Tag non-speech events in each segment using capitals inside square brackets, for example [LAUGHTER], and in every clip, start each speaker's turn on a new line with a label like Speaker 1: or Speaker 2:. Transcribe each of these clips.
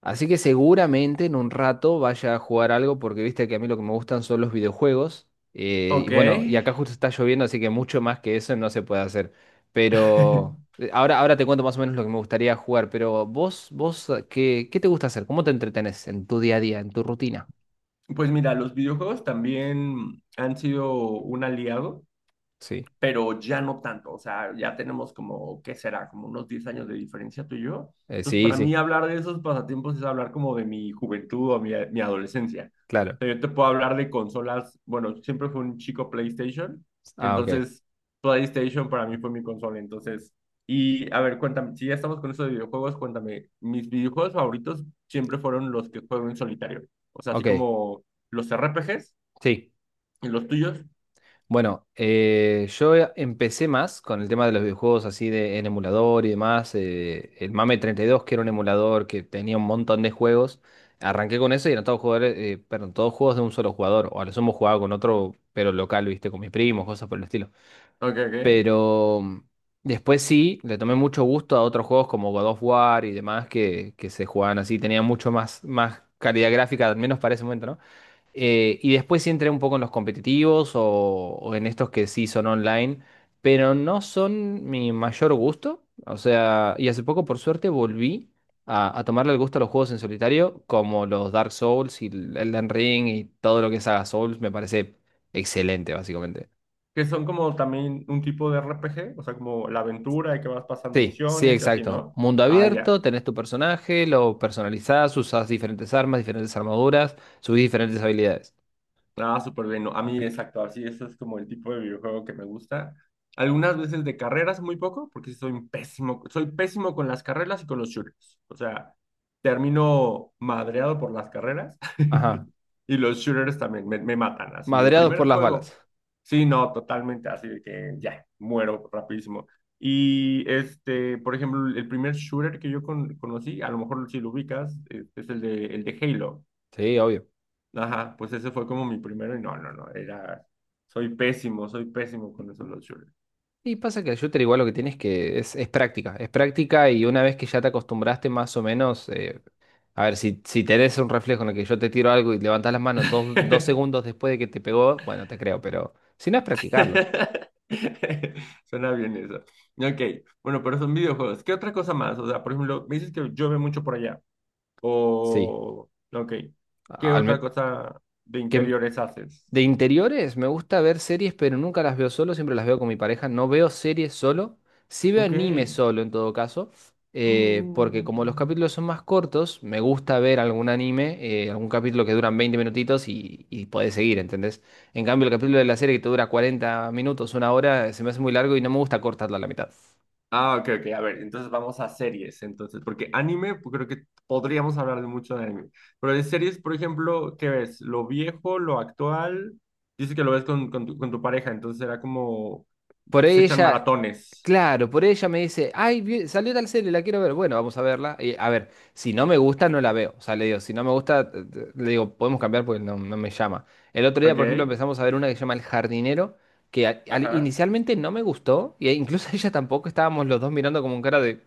Speaker 1: Así que seguramente en un rato vaya a jugar algo porque viste que a mí lo que me gustan son los videojuegos. Y
Speaker 2: Ok.
Speaker 1: bueno, y acá justo está lloviendo, así que mucho más que eso no se puede hacer. Pero
Speaker 2: [LAUGHS]
Speaker 1: ahora te cuento más o menos lo que me gustaría jugar. Pero vos, qué te gusta hacer? ¿Cómo te entretenés en tu día a día, en tu rutina?
Speaker 2: Pues mira, los videojuegos también han sido un aliado
Speaker 1: Sí.
Speaker 2: pero ya no tanto, o sea, ya tenemos como, ¿qué será? Como unos 10 años de diferencia tú y yo. Entonces,
Speaker 1: Sí,
Speaker 2: para
Speaker 1: sí,
Speaker 2: mí hablar de esos pasatiempos es hablar como de mi juventud o mi adolescencia.
Speaker 1: claro.
Speaker 2: O sea, yo te puedo hablar de consolas, bueno, siempre fue un chico PlayStation,
Speaker 1: Ah, ok.
Speaker 2: entonces PlayStation para mí fue mi consola, entonces, y a ver, cuéntame, si ya estamos con eso de videojuegos, cuéntame, mis videojuegos favoritos siempre fueron los que juego en solitario, o sea, así
Speaker 1: Ok.
Speaker 2: como los RPGs
Speaker 1: Sí.
Speaker 2: y los tuyos.
Speaker 1: Bueno, yo empecé más con el tema de los videojuegos así de, en emulador y demás. El MAME 32, que era un emulador que tenía un montón de juegos. Arranqué con eso y eran todos jugadores, perdón, todos juegos de un solo jugador. O a lo sumo jugaba con otro, pero local, viste, con mis primos, cosas por el estilo.
Speaker 2: Ok, ok.
Speaker 1: Pero mm, Después sí, le tomé mucho gusto a otros juegos como God of War y demás que se jugaban así. Tenían mucho más, más calidad gráfica, al menos para ese momento, ¿no? Y después sí entré un poco en los competitivos o en estos que sí son online, pero no son mi mayor gusto. O sea, y hace poco, por suerte, volví a tomarle el gusto a los juegos en solitario, como los Dark Souls y el Elden Ring y todo lo que es Saga Souls, me parece excelente, básicamente.
Speaker 2: Que son como también un tipo de RPG, o sea, como la aventura y que vas pasando
Speaker 1: Sí, sí,
Speaker 2: misiones y así,
Speaker 1: exacto.
Speaker 2: ¿no?
Speaker 1: Mundo
Speaker 2: Ah,
Speaker 1: abierto,
Speaker 2: ya.
Speaker 1: tenés tu personaje, lo personalizás, usás diferentes armas, diferentes armaduras, subís diferentes habilidades.
Speaker 2: Ah, súper bien. ¿No? A mí, exacto, así, ese es como el tipo de videojuego que me gusta. Algunas veces de carreras, muy poco, porque soy pésimo con las carreras y con los shooters. O sea, termino madreado por las carreras [LAUGHS]
Speaker 1: Ajá.
Speaker 2: y los shooters también me matan. Así, el
Speaker 1: Madreados
Speaker 2: primer
Speaker 1: por las
Speaker 2: juego,
Speaker 1: balas.
Speaker 2: sí, no, totalmente, así de que ya, muero rapidísimo. Y este, por ejemplo, el primer shooter que yo conocí, a lo mejor si lo ubicas, es el de Halo.
Speaker 1: Sí, obvio.
Speaker 2: Ajá, pues ese fue como mi primero y no, no, no, era, soy pésimo con esos los shooters.
Speaker 1: Y pasa que el shooter igual lo que tienes que es práctica y una vez que ya te acostumbraste más o menos, a ver, si tenés un reflejo en el que yo te tiro algo y levantás las manos dos segundos después de que te pegó, bueno, te creo, pero si no es practicarlo,
Speaker 2: [LAUGHS] Suena bien eso. Ok, bueno, pero son videojuegos. ¿Qué otra cosa más? O sea, por ejemplo, me dices que llueve mucho por allá.
Speaker 1: sí.
Speaker 2: O, ok, ¿qué
Speaker 1: Al
Speaker 2: otra
Speaker 1: men-
Speaker 2: cosa de
Speaker 1: que,
Speaker 2: interiores haces?
Speaker 1: De interiores, me gusta ver series, pero nunca las veo solo, siempre las veo con mi pareja. No veo series solo, sí veo
Speaker 2: Ok.
Speaker 1: anime solo en todo caso, porque como los
Speaker 2: [GASPS]
Speaker 1: capítulos son más cortos, me gusta ver algún anime, algún capítulo que duran 20 minutitos y podés seguir, ¿entendés? En cambio, el capítulo de la serie que te dura 40 minutos, una hora, se me hace muy largo y no me gusta cortarlo a la mitad.
Speaker 2: Ah, ok, ok. A ver, entonces vamos a series, entonces, porque anime, pues, creo que podríamos hablar de mucho de anime. Pero de series, por ejemplo, ¿qué ves? ¿Lo viejo, lo actual? Dice que lo ves con tu pareja, entonces era como,
Speaker 1: Por
Speaker 2: se
Speaker 1: ahí
Speaker 2: echan
Speaker 1: ella,
Speaker 2: maratones,
Speaker 1: claro, por ahí ella me dice, ay, salió tal serie, la quiero ver. Bueno, vamos a verla. Y, a ver, si no me gusta, no la veo. O sea, le digo, si no me gusta, le digo, podemos cambiar porque no, no me llama. El otro día, por ejemplo,
Speaker 2: ¿ok?
Speaker 1: empezamos a ver una que se llama El Jardinero, que
Speaker 2: Ajá.
Speaker 1: inicialmente no me gustó, y e incluso [LAUGHS] ella tampoco, estábamos los dos mirando como un cara de,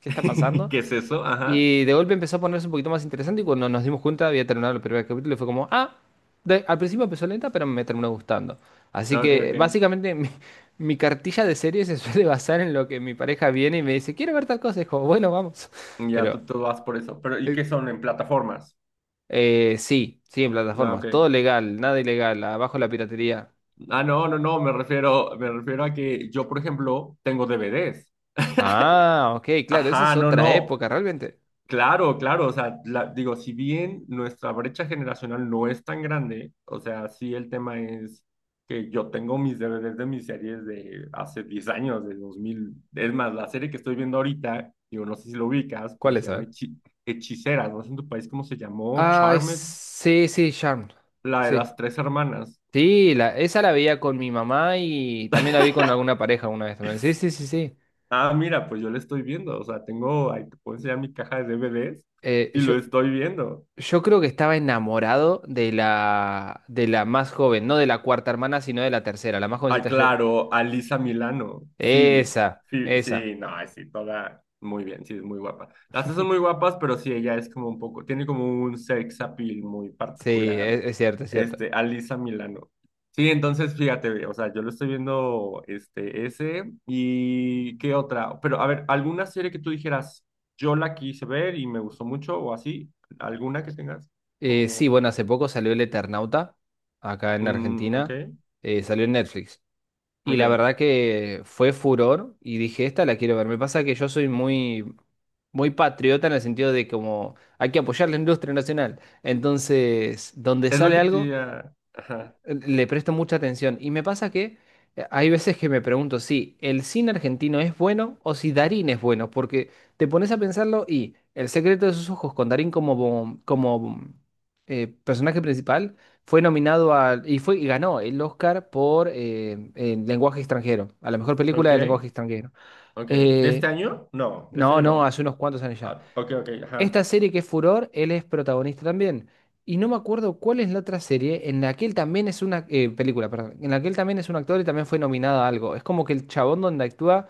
Speaker 1: ¿qué está
Speaker 2: [LAUGHS]
Speaker 1: pasando?
Speaker 2: ¿Qué es eso? Ajá.
Speaker 1: Y de golpe empezó a ponerse un poquito más interesante y cuando nos dimos cuenta había terminado el primer capítulo y fue como, ah, al principio empezó lenta, pero me terminó gustando. Así
Speaker 2: Ok,
Speaker 1: que
Speaker 2: ok.
Speaker 1: básicamente [LAUGHS] mi cartilla de series se suele basar en lo que mi pareja viene y me dice, quiero ver tal cosa. Y es como, bueno, vamos. [LAUGHS]
Speaker 2: Ya
Speaker 1: Pero
Speaker 2: tú vas por eso. Pero, ¿y
Speaker 1: eh,
Speaker 2: qué son en plataformas?
Speaker 1: sí, sí, en
Speaker 2: Ah,
Speaker 1: plataformas.
Speaker 2: ok.
Speaker 1: Todo legal, nada ilegal, abajo la piratería.
Speaker 2: Ah, no, no, no, me refiero a que yo, por ejemplo, tengo DVDs. [LAUGHS]
Speaker 1: Ah, ok, claro, esa es
Speaker 2: Ajá, no,
Speaker 1: otra
Speaker 2: no.
Speaker 1: época realmente.
Speaker 2: Claro, claro, o sea, digo, si bien nuestra brecha generacional no es tan grande, o sea, sí el tema es que yo tengo mis DVDs de mis series de hace 10 años, de 2000, es más, la serie que estoy viendo ahorita, digo, no sé si lo ubicas, pero
Speaker 1: ¿Cuál
Speaker 2: se
Speaker 1: es? A
Speaker 2: llama
Speaker 1: ver.
Speaker 2: Hechiceras, no sé en tu país cómo se llamó,
Speaker 1: Ay,
Speaker 2: Charmed,
Speaker 1: sí, sí, Charmed.
Speaker 2: la de
Speaker 1: Sí.
Speaker 2: las tres hermanas.
Speaker 1: Sí, la, esa la veía con mi mamá y también la vi con alguna pareja una vez también. Sí, sí, sí, sí.
Speaker 2: Ah, mira, pues yo la estoy viendo, o sea, tengo, ahí te puedo enseñar mi caja de DVDs
Speaker 1: Eh,
Speaker 2: y
Speaker 1: yo,
Speaker 2: lo estoy viendo.
Speaker 1: yo creo que estaba enamorado de la más joven, no de la cuarta hermana, sino de la tercera, la más
Speaker 2: Ah,
Speaker 1: jovencita yo.
Speaker 2: claro, a Lisa Milano, Phoebe.
Speaker 1: Esa,
Speaker 2: Phoebe,
Speaker 1: esa.
Speaker 2: sí, no, ay, sí, toda muy bien, sí, es muy guapa. Las dos son muy guapas, pero sí, ella es como un poco, tiene como un sex appeal muy
Speaker 1: Sí,
Speaker 2: particular,
Speaker 1: es, cierto, es cierto.
Speaker 2: a Lisa Milano. Sí, entonces fíjate, o sea, yo lo estoy viendo, ese, y qué otra, pero a ver, alguna serie que tú dijeras, yo la quise ver y me gustó mucho, o así, alguna que tengas,
Speaker 1: Sí,
Speaker 2: como,
Speaker 1: bueno, hace poco salió El Eternauta, acá en
Speaker 2: ok,
Speaker 1: Argentina. Salió en Netflix. Y
Speaker 2: ok,
Speaker 1: la verdad que fue furor y dije, esta la quiero ver. Me pasa que yo soy muy patriota en el sentido de como hay que apoyar la industria nacional. Entonces, donde
Speaker 2: es lo
Speaker 1: sale
Speaker 2: que te,
Speaker 1: algo,
Speaker 2: ah, ajá,
Speaker 1: le presto mucha atención. Y me pasa que hay veces que me pregunto si el cine argentino es bueno o si Darín es bueno, porque te pones a pensarlo y El secreto de sus ojos con Darín como, personaje principal fue nominado al y fue y ganó el Oscar por el lenguaje extranjero, a la mejor película
Speaker 2: ok.
Speaker 1: de lenguaje extranjero.
Speaker 2: Ok. ¿De este
Speaker 1: Eh,
Speaker 2: año? No, de este
Speaker 1: no,
Speaker 2: año
Speaker 1: no,
Speaker 2: no.
Speaker 1: hace unos cuantos años ya.
Speaker 2: Ah, ok, ok, ajá.
Speaker 1: Esta serie que es Furor, él es protagonista también. Y no me acuerdo cuál es la otra serie en la que él también es una película, perdón, en la que él también es un actor y también fue nominado a algo. Es como que el chabón donde actúa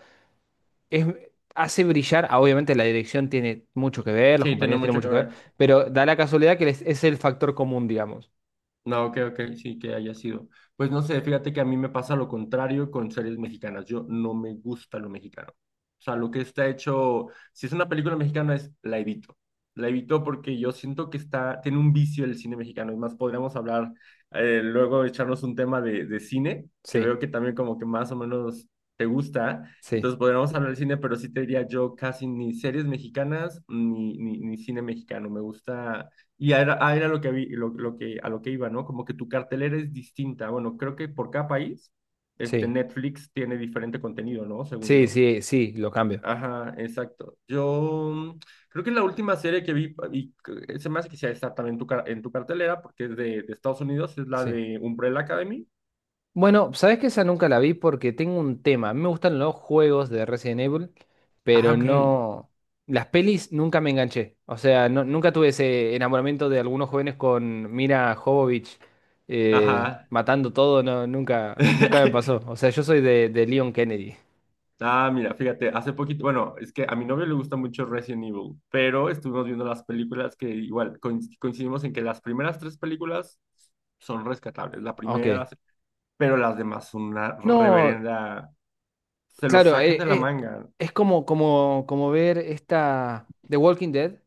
Speaker 1: es, hace brillar, ah, obviamente la dirección tiene mucho que ver, los
Speaker 2: Sí, tiene
Speaker 1: compañeros tienen
Speaker 2: mucho que
Speaker 1: mucho que ver,
Speaker 2: ver.
Speaker 1: pero da la casualidad que es el factor común, digamos.
Speaker 2: No, ok, ok, sí que haya sido. Pues no sé, fíjate que a mí me pasa lo contrario con series mexicanas. Yo no me gusta lo mexicano. O sea, lo que está hecho, si es una película mexicana, es la evito. La evito porque yo siento que está, tiene un vicio el cine mexicano. Es más, podríamos hablar, luego echarnos un tema de cine, que
Speaker 1: Sí,
Speaker 2: veo que también como que más o menos te gusta.
Speaker 1: sí,
Speaker 2: Entonces podríamos hablar de cine, pero sí te diría yo casi ni series mexicanas ni cine mexicano. Me gusta y a lo que iba, ¿no? Como que tu cartelera es distinta. Bueno, creo que por cada país,
Speaker 1: sí,
Speaker 2: Netflix tiene diferente contenido, ¿no? Según
Speaker 1: sí,
Speaker 2: yo.
Speaker 1: sí, sí, lo cambio.
Speaker 2: Ajá, exacto. Yo, creo que la última serie que vi, y se me hace que sea está también en tu cartelera, porque es de Estados Unidos, es la
Speaker 1: Sí.
Speaker 2: de Umbrella Academy.
Speaker 1: Bueno, sabes que esa nunca la vi porque tengo un tema. A mí me gustan los juegos de Resident Evil,
Speaker 2: Ah,
Speaker 1: pero
Speaker 2: ok.
Speaker 1: no. Las pelis nunca me enganché. O sea, nunca tuve ese enamoramiento de algunos jóvenes con Mira Jovovich
Speaker 2: Ajá.
Speaker 1: matando todo. No, nunca, nunca me pasó.
Speaker 2: [LAUGHS]
Speaker 1: O sea, yo soy de Leon Kennedy.
Speaker 2: Ah, mira, fíjate, hace poquito, bueno, es que a mi novio le gusta mucho Resident Evil, pero estuvimos viendo las películas que igual coincidimos en que las primeras tres películas son rescatables, la primera,
Speaker 1: Ok.
Speaker 2: pero las demás son una
Speaker 1: No,
Speaker 2: reverenda, se lo
Speaker 1: claro,
Speaker 2: sacan de la manga.
Speaker 1: es como ver esta The Walking Dead.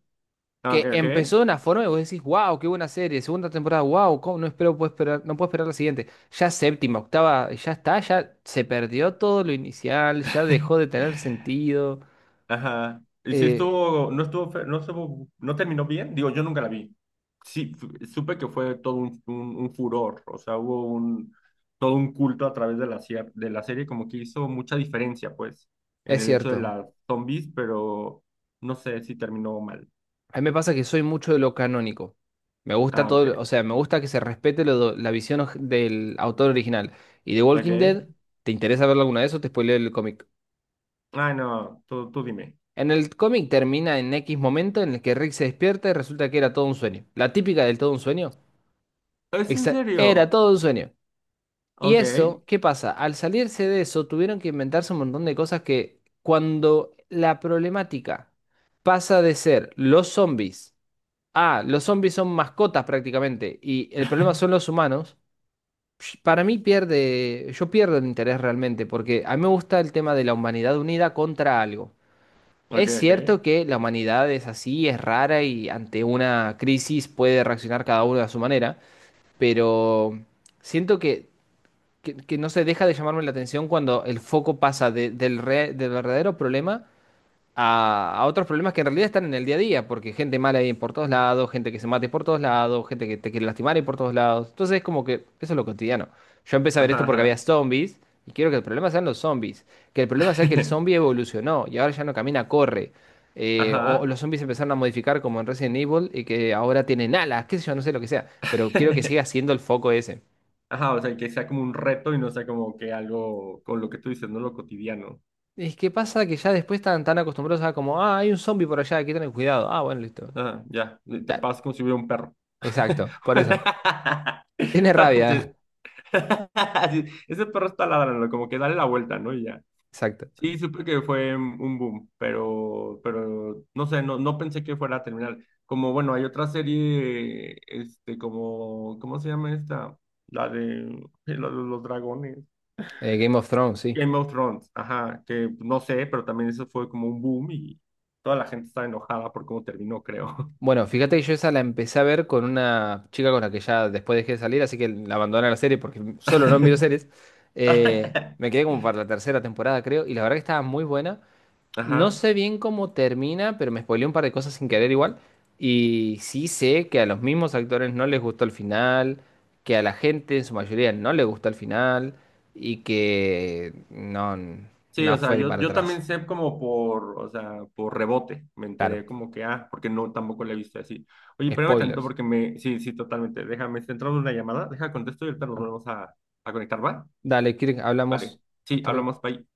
Speaker 2: Ah, ok,
Speaker 1: Que empezó
Speaker 2: ok.
Speaker 1: de una forma y vos decís, wow, qué buena serie, segunda temporada, wow, ¿cómo? No espero, puedo esperar, no puedo esperar la siguiente. Ya séptima, octava, ya está, ya se perdió todo lo inicial, ya dejó de
Speaker 2: [LAUGHS]
Speaker 1: tener sentido.
Speaker 2: Ajá. Y si
Speaker 1: Eh,
Speaker 2: estuvo, no estuvo, no estuvo, no terminó bien, digo, yo nunca la vi. Sí, supe que fue todo un furor, o sea, hubo todo un culto a través de la serie, como que hizo mucha diferencia, pues, en
Speaker 1: es
Speaker 2: el hecho de
Speaker 1: cierto,
Speaker 2: las zombies, pero no sé si terminó mal.
Speaker 1: a mí me pasa que soy mucho de lo canónico. Me gusta
Speaker 2: Ah,
Speaker 1: todo,
Speaker 2: ok,
Speaker 1: o sea, me gusta que se respete la visión del autor original. Y The Walking
Speaker 2: ok.
Speaker 1: Dead, ¿te interesa verlo alguna vez o te spoileo el cómic?
Speaker 2: Ay, no, tú dime.
Speaker 1: En el cómic termina en X momento en el que Rick se despierta y resulta que era todo un sueño. La típica del todo un sueño.
Speaker 2: ¿Es en
Speaker 1: Era
Speaker 2: serio?
Speaker 1: todo un sueño. Y
Speaker 2: Ok,
Speaker 1: eso, ¿qué pasa? Al salirse de eso, tuvieron que inventarse un montón de cosas que cuando la problemática pasa de ser los zombies a los zombies son mascotas prácticamente y el problema son los humanos, psh, para mí pierde, yo pierdo el interés realmente porque a mí me gusta el tema de la humanidad unida contra algo.
Speaker 2: ok,
Speaker 1: Es
Speaker 2: ok.
Speaker 1: cierto que la humanidad es así, es rara y ante una crisis puede reaccionar cada uno a su manera, pero siento que no se deja de llamarme la atención cuando el foco pasa del verdadero problema a otros problemas que en realidad están en el día a día, porque gente mala hay por todos lados, gente que se mate por todos lados, gente que te quiere lastimar hay por todos lados. Entonces es como que eso es lo cotidiano. Yo empecé a ver
Speaker 2: Ajá,
Speaker 1: esto porque había
Speaker 2: ajá.
Speaker 1: zombies y quiero que el problema sean los zombies, que el problema sea que el zombie
Speaker 2: [LAUGHS]
Speaker 1: evolucionó y ahora ya no camina, corre. O
Speaker 2: Ajá.
Speaker 1: los zombies empezaron a modificar como en Resident Evil y que ahora tienen alas, qué sé yo, no sé lo que sea, pero quiero que siga
Speaker 2: [LAUGHS]
Speaker 1: siendo el foco ese.
Speaker 2: Ajá, o sea, que sea como un reto y no sea como que algo con lo que tú dices, no lo cotidiano.
Speaker 1: Es que pasa que ya después están tan acostumbrados a como, ah, hay un zombie por allá, hay que tener cuidado. Ah, bueno, listo.
Speaker 2: Ah, ya, te
Speaker 1: Ya,
Speaker 2: pasas como si hubiera un perro.
Speaker 1: exacto, por eso.
Speaker 2: [LAUGHS]
Speaker 1: Tiene
Speaker 2: No
Speaker 1: rabia,
Speaker 2: manches. [LAUGHS] Sí, ese perro está ladrando, como que dale la vuelta, ¿no? Y ya.
Speaker 1: exacto.
Speaker 2: Sí, supe que fue un boom, pero no sé, no, no pensé que fuera a terminar. Como, bueno, hay otra serie, como, ¿cómo se llama esta? La de [LAUGHS] la de los dragones.
Speaker 1: Game of Thrones, sí.
Speaker 2: Game of Thrones, ajá, que no sé, pero también eso fue como un boom y toda la gente estaba enojada por cómo terminó, creo.
Speaker 1: Bueno, fíjate que yo esa la empecé a ver con una chica con la que ya después dejé de salir, así que la abandoné la serie porque solo no miro
Speaker 2: [LAUGHS]
Speaker 1: series. Me quedé como para la tercera temporada, creo, y la verdad que estaba muy buena. No
Speaker 2: Ajá.
Speaker 1: sé bien cómo termina, pero me spoileé un par de cosas sin querer igual. Y sí sé que a los mismos actores no les gustó el final, que a la gente en su mayoría no le gustó el final, y que no,
Speaker 2: Sí,
Speaker 1: no
Speaker 2: o sea,
Speaker 1: fue ni
Speaker 2: yo,
Speaker 1: para
Speaker 2: yo también
Speaker 1: atrás.
Speaker 2: sé como por, o sea, por rebote, me
Speaker 1: Claro,
Speaker 2: enteré como que, ah, porque no, tampoco la he visto así. Oye, espérame tanto
Speaker 1: spoilers.
Speaker 2: porque me, sí, sí, totalmente, déjame, está entrando una llamada, deja contesto y ahorita nos volvemos a conectar, ¿va?
Speaker 1: Dale, Kirk,
Speaker 2: Vale,
Speaker 1: hablamos.
Speaker 2: sí,
Speaker 1: Hasta luego.
Speaker 2: hablamos, bye.